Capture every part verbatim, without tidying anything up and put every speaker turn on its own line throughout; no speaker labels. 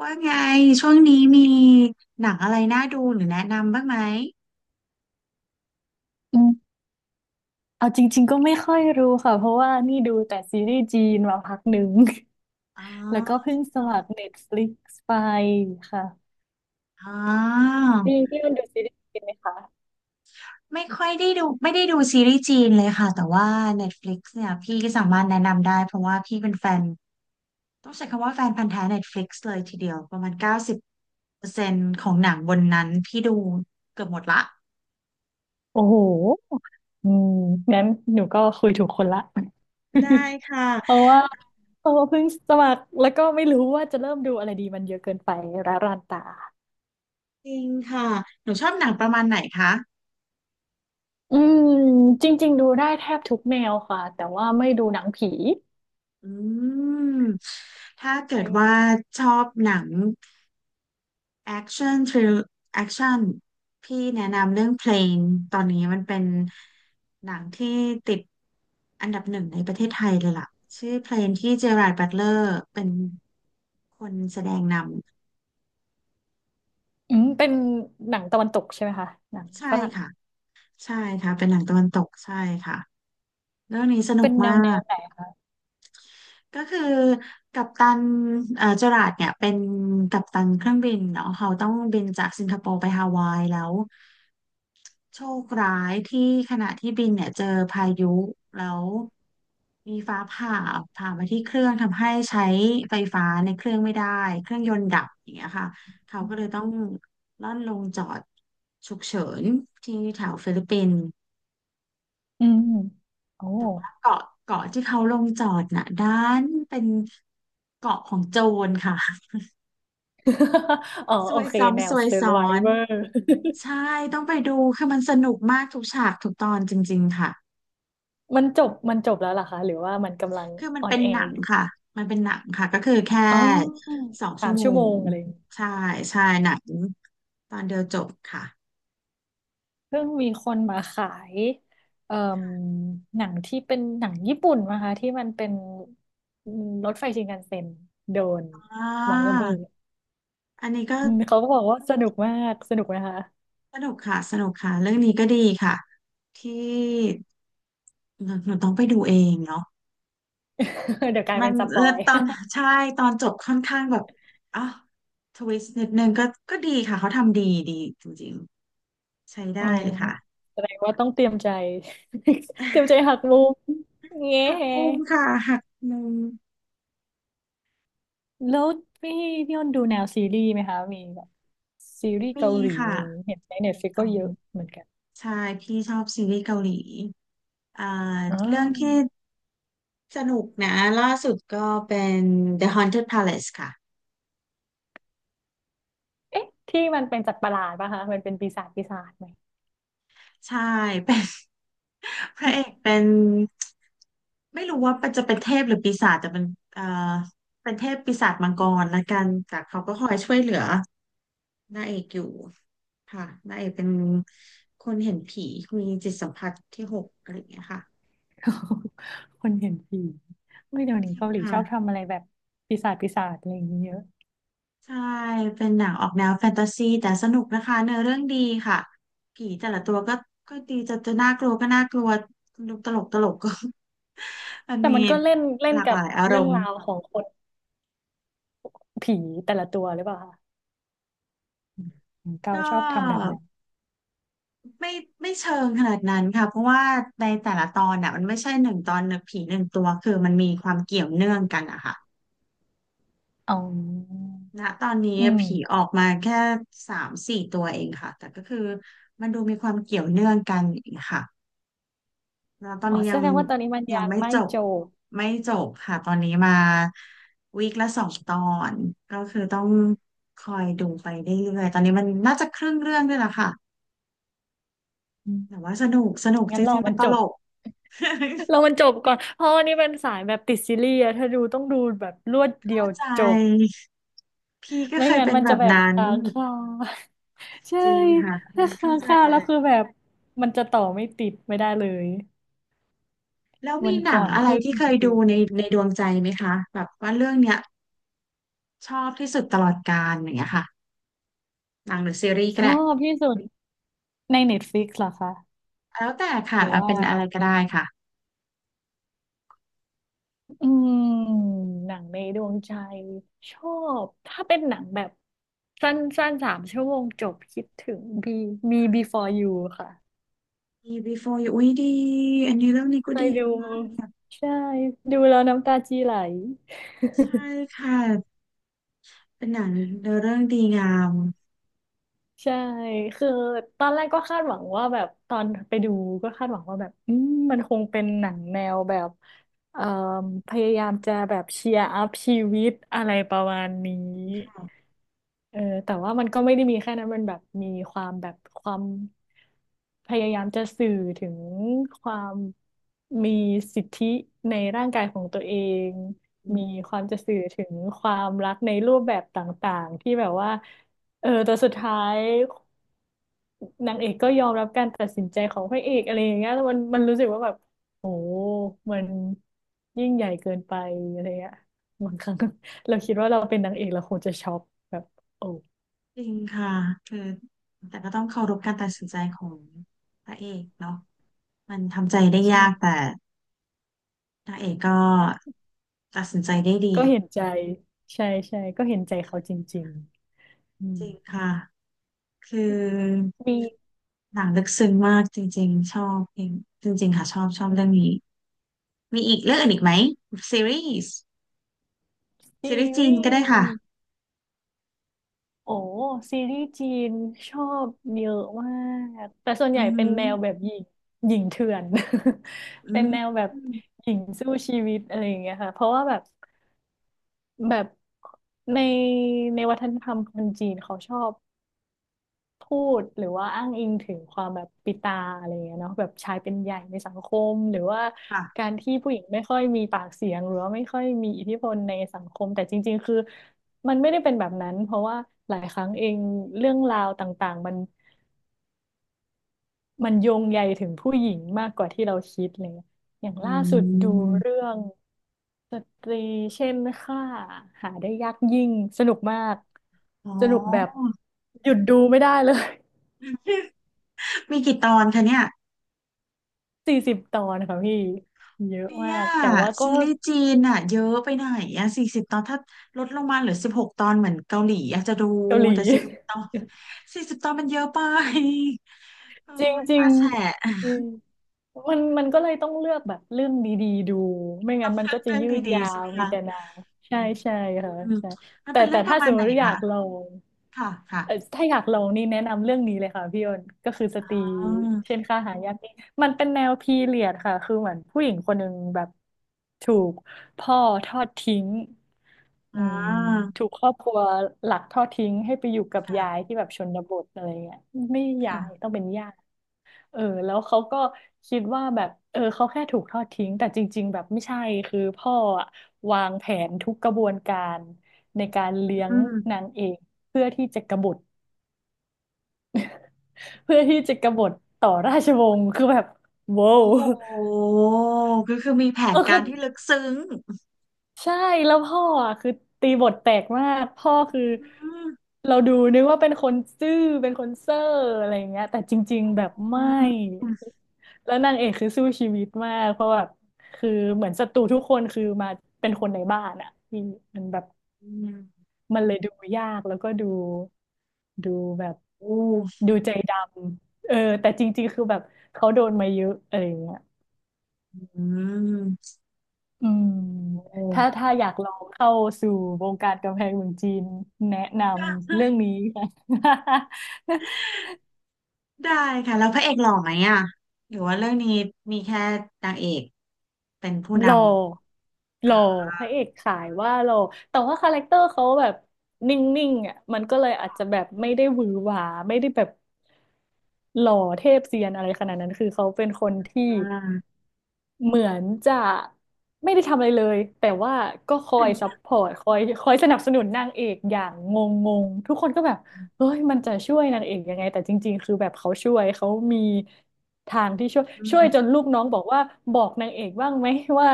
ว่าไงช่วงนี้มีหนังอะไรน่าดูหรือแนะนำบ้างไหม
อืมเอาจริงๆก็ไม่ค่อยรู้ค่ะเพราะว่านี่ดูแต่ซีรีส์จีนมาพักหนึ่ง
อ๋
แล้วก็
อ
เพิ่งสมัคร Netflix ไปค่ะ
อ๋อ
นี่พี่มันดูซีรีส์จีนไหมคะ
ไม่ค่อยได้ดูไม่ได้ดูซีรีส์จีนเลยค่ะแต่ว่า Netflix เนี่ยพี่ก็สามารถแนะนำได้เพราะว่าพี่เป็นแฟนต้องใช้คำว่าแฟนพันธุ์แท้ Netflix เลยทีเดียวประมาณเก้าสิบเปอร์เซ็นต์ของหนังบนนั้นพี่ดูเกือบหมดละ
โอ้โหอืมงั้นหนูก็คุยถูกคนละ
ได้ค่ะ
เพราะว่าเพราะว่าเพิ่งสมัครแล้วก็ไม่รู้ว่าจะเริ่มดูอะไรดีมันเยอะเกินไปร้ารานตา
จริงค่ะหนูชอบหนังประมาณไหนคะ
อืมจริงๆดูได้แทบทุกแนวค่ะแต่ว่าไม่ดูหนังผี
อืมถ้าเกิดว่าชอบหนัง action thrill action พี่แนะนำเรื่องเพลงตอนนี้มันเป็นหนังที่ติดอันดับหนึ่งในประเทศไทยเลยล่ะชื่อเพลงที่เจอราร์ดบัตเลอร์เป็นคนแสดงน
อืมเป็นหนังตะวันตกใช่ไหมคะหนัง
ำใช่
ฝรั่ง
ค่ะใช่ค่ะเป็นหนังตะวันตกใช่ค่ะเรื่องนี้สนุ
เป็
ก
นแน
มา
วแนว
ก
ไหน
ก็คือกัปตันเอ่อเจอราร์ดเนี่ยเป็นกัปตันเครื่องบินเนาะเขาต้องบินจากสิงคโปร์ไปฮาวายแล้ว โชคร้ายที่ขณะที่บินเนี่ยเจอพายุแล้วมีฟ้าผ่าผ่ามาที่เครื่องทำให้ใช้ไฟฟ้าในเครื่องไม่ได้เครื่องยนต์ดับอย่างเงี้ยค่ะเขาก็เลยต้องล่อนลงจอดฉุกเฉินที่แถวฟิลิปปินส์
อืม โอ้
เกาะเกาะที่เขาลงจอดน่ะด้านเป็นเกาะของโจรค่ะ
อ๋อ
ซ
โอ
วย
เคแน
ซ้ำซ
ว
วยซ้อน
Survivor
ใช่ต้องไปดูคือมันสนุกมากทุกฉากทุกตอนจริงๆค่ะ
มันจบมันจบแล้วเหรอคะหรือว่ามันกำลัง
คือมั
อ
น
อน
เป็น
แอ
หนั
ร์
ง
อยู่
ค่ะมันเป็นหนังค่ะก็คือแค่
อ๋อค
สอง
สา
ชั่ว
ม
โม
ชั่วโม
ง
งอะไรอย่างงี้
ใช่ใช่หนังตอนเดียวจบค่ะ
เพิ่งมีคนมาขายเอ่มหนังที่เป็นหนังญี่ปุ่นนะคะที่มันเป็นรถไฟชินคันเซ็นโดน
อ่
วางระเบิด
าอันนี้ก็
อืมเขาก็บอกว่าสนุกมากสนุกนะคะ
สนุกค่ะสนุกค่ะเรื่องนี้ก็ดีค่ะที่หนูหนูต้องไปดูเองเนาะ
เดี๋ยวกลาย
มั
เป็
น
นสป
เออ
อย
ตอนใช่ตอนจบค่อนข้างแบบอ๋อทวิสต์นิดนึงก็ก็ดีค่ะเขาทำดีดีจริงๆใช้ได้
อ๋อ
เลยค่ะ
แสดงว่าต้องเตรียมใจ เตรียมใจ หักมุมเงี้
หักมุมค่ะหักมุม
แล้วพี่พี่อ้นดูแนวซีรีส์ไหมคะมีแบบซีรีส์
มี
เกาหลีอะ
ค่ะ
ไรอย่างงี้เห็นในเน็ตฟลิก
โอ้
ก็
โห
เยอะเหมือนกัน
ใช่พี่ชอบซีรีส์เกาหลีอ่า
อ๋อ
เรื่องที่สนุกนะล่าสุดก็เป็น The Haunted Palace ค่ะ
เอ๊ะที่มันเป็นสัตว์ประหลาดป่ะคะมันเป็นปีศาจปีศาจไหม
ใช่เป็น พระเอกเป็นไม่รู้ว่าจะเป็นเทพหรือปีศาจแต่เป็นเอ่อเป็นเทพปีศาจมังกรละกันแต่เขาก็คอยช่วยเหลือนางเอกอยู่ค่ะนางเอกเป็นคนเห็นผีมีจิตสัมผัสที่หกอะไรอย่างเงี้ยค่ะ
คนเห็นผีไม่เดี๋ยว
จ
นี้
ริง
เกาหลีช
ค่ะ
อบทำอะไรแบบปีศาจปีศาจอะไรอย่างงี้เยอะ
ใช่เป็นหนังออกแนวแฟนตาซีแต่สนุกนะคะเนื้อเรื่องดีค่ะผีแต่ละตัวก็ก็ดีจะจะน่ากลัวก็น่ากลัวดูตลกตลกก็ มัน
แต่
มี
มันก็เล่นเล่
ห
น
ลาก
กั
ห
บ
ลายอาร
เรื่อง
มณ์
ราวของคนผีแต่ละตัวหรือเปล่าคะอืมเกา
ก
ชอบทำแบบ
็
นั้น
ไม่ไม่เชิงขนาดนั้นค่ะเพราะว่าในแต่ละตอนน่ะมันไม่ใช่หนึ่งตอนหนึ่งผีหนึ่งตัวคือมันมีความเกี่ยวเนื่องกันอะค่ะ
อ๋อ
ณตอนนี้
อืม
ผีออกมาแค่สามสี่ตัวเองค่ะแต่ก็คือมันดูมีความเกี่ยวเนื่องกันอย่างเงี้ยค่ะ แล้วตอน
อ๋อ
นี้
แส
ยัง
ดงว่าตอนนี้มัน
ยั
ยั
ง
ง
ไม่
ไม่
จบ
จบ
ไม่จบค่ะตอนนี้มาวีคละสองตอนก็คือต้องคอยดูไปเรื่อยๆตอนนี้มันน่าจะครึ่งเรื่องด้วยล่ะค่ะ
อื
แต่
ม
ว่าสนุกสนุกจ
งั้นรอ
ริงๆ
มั
มัน
น
ต
จ
ล
บ
ก
รอมันจบก่อนเพราะวันนี้เป็นสายแบบติดซีรีส์อะถ้าดูต้องดูแบบรวดเดี
เข้า
ยว
ใ
จบ
จพี่ก็
ไม่
เคย
งั้น
เป็น
มัน
แบ
จะ
บ
แบบ
นั้น
ค้างคาใช่
จริงค่ะ
ถ้า
เข้า
ค้าง
ใจ
คา
เล
แล้ว
ย
คือแบบ มันจะต่อไม่ติดไม่ได้เลย
แล้ว
วั
มี
น
หนั
ก่
ง
อน
อะไร
เพิ่ง
ที่เคยดูในในดวงใจไหมคะแบบว่าเรื่องเนี้ยชอบที่สุดตลอดกาลอย่างเงี้ยค่ะหนังหรือซีรีส์
ช
ก็
อ
ได้
บที่สุดใน Netflix เหรอคะ
แล้วแต่
ห
ค่ะ
รือ
เอา
ว่า
เป็นอะไรก็ได้ค่ะ
อืมหนังในดวงใจชอบถ้าเป็นหนังแบบสั้นสั้นสามชั่วโมงจบคิดถึงบีมี Before You ค่ะ
ดี Before You อุ้ยดีอันนี้เรื่องนี้
เค
ก็
ย
ดี
ดูใช่ดูแล้วน้ำตาจีไหล
ใช่ค่ะเป็นหนังเนื้อเรื่องดีงาม
ใช่คือตอนแรกก็คาดหวังว่าแบบตอนไปดูก็คาดหวังว่าแบบอืมมันคงเป็นหนังแนวแบบเอ่อพยายามจะแบบเชียร์อัพชีวิตอะไรประมาณนี้
อืมค่ะ
เออแต่ว่ามันก็ไม่ได้มีแค่นั้นมันแบบมีความแบบความพยายามจะสื่อถึงความมีสิทธิในร่างกายของตัวเอง
อื
มี
ม
ความจะสื่อถึงความรักในรูปแบบต่างๆที่แบบว่าเออแต่สุดท้ายนางเอกก็ยอมรับการตัดสินใจของพระเอกอะไรอย่างเงี้ยแล้วมันมันรู้สึกว่าแบบโหมันยิ่งใหญ่เกินไปอะไรเงี้ยบางครั้ง เราคิดว่าเราเป็นนางเอกเราคงจะช็อกแบบโอ้
จริงค่ะคือแต่ก็ต้องเคารพการตัดสินใจของพระเอกเนาะมันทำใจได้
ใช่
ยากแต่พระเอกก็ตัดสินใจได้ดี
ก็เห็นใจ ใช่ใช่ก็เห็นใจเขาจริงๆอืม
จริงค่ะคือ
มี
หนังลึกซึ้งมากจริงๆชอบจริงจริงๆค่ะชอบชอบเรื่องนี้มีอีกเรื่องอื่นอีกไหมซีรีส์ซี
ซี
รีส์จีน
รี
ก็
ส
ได้
์
ค่ะ
โอ้ซีรีส์จีนชอบเยอะมากแต่ส่วนให
อื
ญ่
อหื
เป็น
อ
แนวแบบหญิงหญิงเถื่อน
อื
เป็น
ม
แนวแบบหญิงสู้ชีวิตอะไรอย่างเงี้ยค่ะ เพราะว่าแบบแบบในในวัฒนธรรมคนจีนเขาชอบ พูดหรือว่าอ้างอิงถึงความแบบปิตาอะไรเงี้ยเนาะแบบชายเป็นใหญ่ในสังคมหรือว่า
ค่ะ
การที่ผู้หญิงไม่ค่อยมีปากเสียงหรือว่าไม่ค่อยมีอิทธิพลในสังคมแต่จริงๆคือมันไม่ได้เป็นแบบนั้นเพราะว่าหลายครั้งเองเรื่องราวต่างๆมันมันโยงใยถึงผู้หญิงมากกว่าที่เราคิดอะไรเลยอย่าง
อื
ล่าสุดดูเรื่
ม
องสตรีเช่นค่าหาได้ยากยิ่งสนุกมาก
อ๋อ
สนุกแบบหยุดดูไม่ได้เลย
มีกี่ตอนคะเนี่ย
สี่สิบตอนค่ะพี่เยอะ
เนี่
มา
ย
กแต่ว่าก็
ซีรีส์จีนอ่ะเยอะไปไหนอ่ะสี่สิบตอนถ้าลดลงมาเหลือสิบหกตอนเหมือนเกาหลีอยากจะดู
เกาหลี
แต่สี่สิบตอนสี่สิบตอนมันเยอะไป โอ้
จริง
ย
จริ
ตา
ง
แฉะ
จริ งมันมันก็เลยต้องเลือกแบบเรื่องดีๆดูไม่งั้นมันก็จะ
เรื่อง
ยืด
ดี
ยา
ๆใช่
ว
ไหม
มี
คะ
แต่หนาง
อื
ใช่
ม
ใช่ค่ะใช่
มัน
แต่
เป็นเรื่
แต่
องป
ถ้า
ระ
ส
มาณ
มม
ไหน
ติอยา
คะ
กลอง
ค่ะค่ะ
เอ่อถ้าอยากลองนี่แนะนำเรื่องนี้เลยค่ะพี่อ้นก็คือสตรี
อ๋อ
เช่นค่าหายากนี่มันเป็นแนวพีเรียดค่ะคือเหมือนผู้หญิงคนหนึ่งแบบถูกพ่อทอดทิ้ง
อ่
อืม
า
ถูกครอบครัวหลักทอดทิ้งให้ไปอยู่กับ
ค่ะ
ยายที่แบบชนบทอะไรเงี้ยไม่ยา
ค่ะ
ยต้องเป็นย่าเออแล้วเขาก็คิดว่าแบบเออเขาแค่ถูกทอดทิ้งแต่จริงๆแบบไม่ใช่คือพ่ออะวางแผนทุกกระบวนการในการเลี้ย
อื
งนา
ม
งเอกเพื่อที่จะกบฏ เพื่อที่จะกบฏต่อราชวงศ์คือแบบโว้า
โอ้
ว
โหก็คือมีแผ
เอ
น
อ
กา
คือ
รที่ลึกซึ้ง
ใช่แล้วพ่ออ่ะคือตีบทแตกมากพ่อคือ
อืม
เราดูนึกว่าเป็นคนซื่อเป็นคนเซ่ออะไรอย่างเงี้ยแต่จริงๆแบบ
อื
ไม่
ม
แล้วนางเอกคือสู้ชีวิตมากเพราะแบบคือเหมือนศัตรูทุกคนคือมาเป็นคนในบ้านอ่ะที่มันแบบ
อืม
มันเลยดูยากแล้วก็ดูดูแบบ
โอ้
ดูใจดำเออแต่จริงๆคือแบบเขาโดนมาเยอะอะไรอย่างเงี้ย
อืม
อืม
โอ้
ถ้าถ้าอยากลองเข้าสู่วงการกำแพงเมืองจีนแนะนำเรื่องนี้ ค่ะ
ได้ค่ะแล้วพระเอกหล่อไหมอ่ะหรือว่าเรื่องนี้มีแค่นางเอกเป็นผู้ น
หล่อหล่อพระเอกขายว่าหล่อแต่ว่าคาแรคเตอร์เขาแบบนิ่งๆอ่ะมันก็เลยอาจจะแบบไม่ได้หวือหวาไม่ได้แบบหล่อเทพเซียนอะไรขนาดนั้นคือเขาเป็นคน
ำ
ที่
อ่า
เหมือนจะไม่ได้ทำอะไรเลยแต่ว่าก็คอยซัพพอร์ตคอยคอยสนับสนุนนางเอกอย่างงงงทุกคนก็แบบเฮ้ยมันจะช่วยนางเอกยังไงแต่จริงๆคือแบบเขาช่วยเขามีทางที่ช่วย
อื
ช่วยจน
ม
ลูกน้องบอกว่าบอกนางเอกบ้างไหมว่า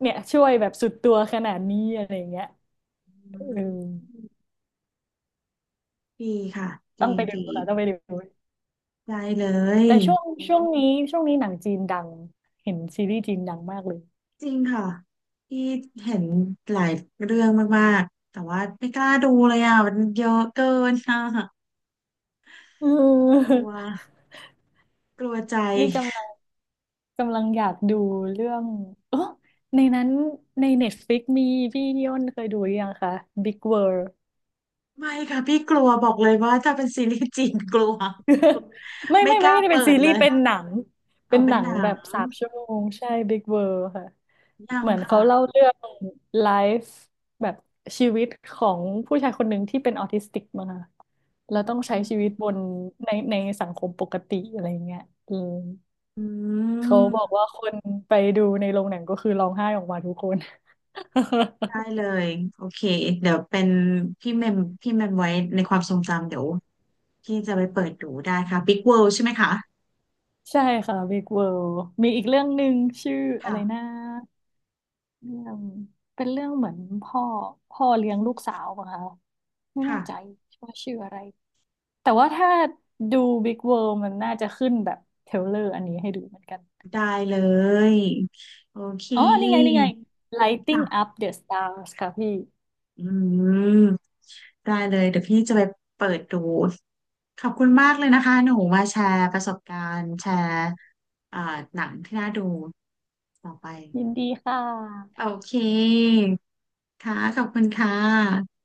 เนี่ยช่วยแบบสุดตัวขนาดนี้อะไรอย่างเงี้ยเอ
อื
อ
มดีค่ะ
ต้อ
ดี
งไปดู
ดี
ค่ะต้องไปดู
ได้เลย
แต่ช่วงช่วงนี้ช่วงนี้หนังจีนดังเห็นซีรีส์จีนดังมากเลย
จริงค่ะที่เห็นหลายเรื่องมากๆแต่ว่าไม่กล้าดูเลยอ่ะมันเยอะเกินค่ะ
เอ
ก
อ
ลัวกลัวใจ
นี่กำลัง กำลังอยากดูเรื่องเออในนั้นใน เน็ตฟลิกซ์ มีพี่ยนเคยดูหรือยังคะ Big World
ไม่ค่ะพี่กลัวบอกเลยว่าถ้าเป็นซีรีส์จีนกลัว
ไม่
ไม่
ไม่
ก
ไม่
ล้า
ไม่ได้
เปิ
เป็นซี
ด
รี
เล
ส์
ย
เป็นหนังเป็
เอา
น
เป็
ห
น
นั
ห
ง
นั
แบ
ง
บสามชั่วโมงใช่ Big World ค่ะ
ยั
เห
ง
มือนเขา
ค่ะ
เล่าเรื่องไลฟ์แบบชีวิตของผู้ชายคนหนึ่งที่เป็นออทิสติกมาค่ะแล้วต้องใช้ชีวิตบนในในสังคมปกติอะไรอย่างเงี้ยอืม
อื
เขาบอก
ม
ว่าคนไปดูในโรงหนังก็คือร้องไห้ออกมาทุกคน
ได้เลยโอเคเดี๋ยวเป็นพี่เมมพี่เมมไว้ในความทรงจำเดี๋ยวพี่จะไปเปิดดูได้ค่ะ Big World ใช่ไหมคะ
ใช่ค่ะ บิ๊ก เวิลด์ มีอีกเรื่องหนึ่งชื่ออะไรนะ
ค่ะ
เรื่องเป็นเรื่องเหมือนพ่อพ่อเลี้ยงลูกสาวป่ะคะไม่แน่
ค่ะ
ใจว่าชื่ออะไรแต่ว่าถ้าดู Big World มันน่าจะขึ้นแบบเทรลเลอร์อันนี้ให้ดูเหมือนกัน
ได้เลยโอเค
อ๋อ นี่ไง นี่ไง Lighting
ค่ะ
Up the Stars ค่ะพี่
อืมได้เลยเดี๋ยวพี่จะไปเปิดดูขอบคุณมากเลยนะคะหนูมาแชร์ประสบการณ์แชร์เอ่อหนังที่น่าดูต่อไป
ยินดีค่
โอ
ะ
เคค่ะขอบคุณค่ะ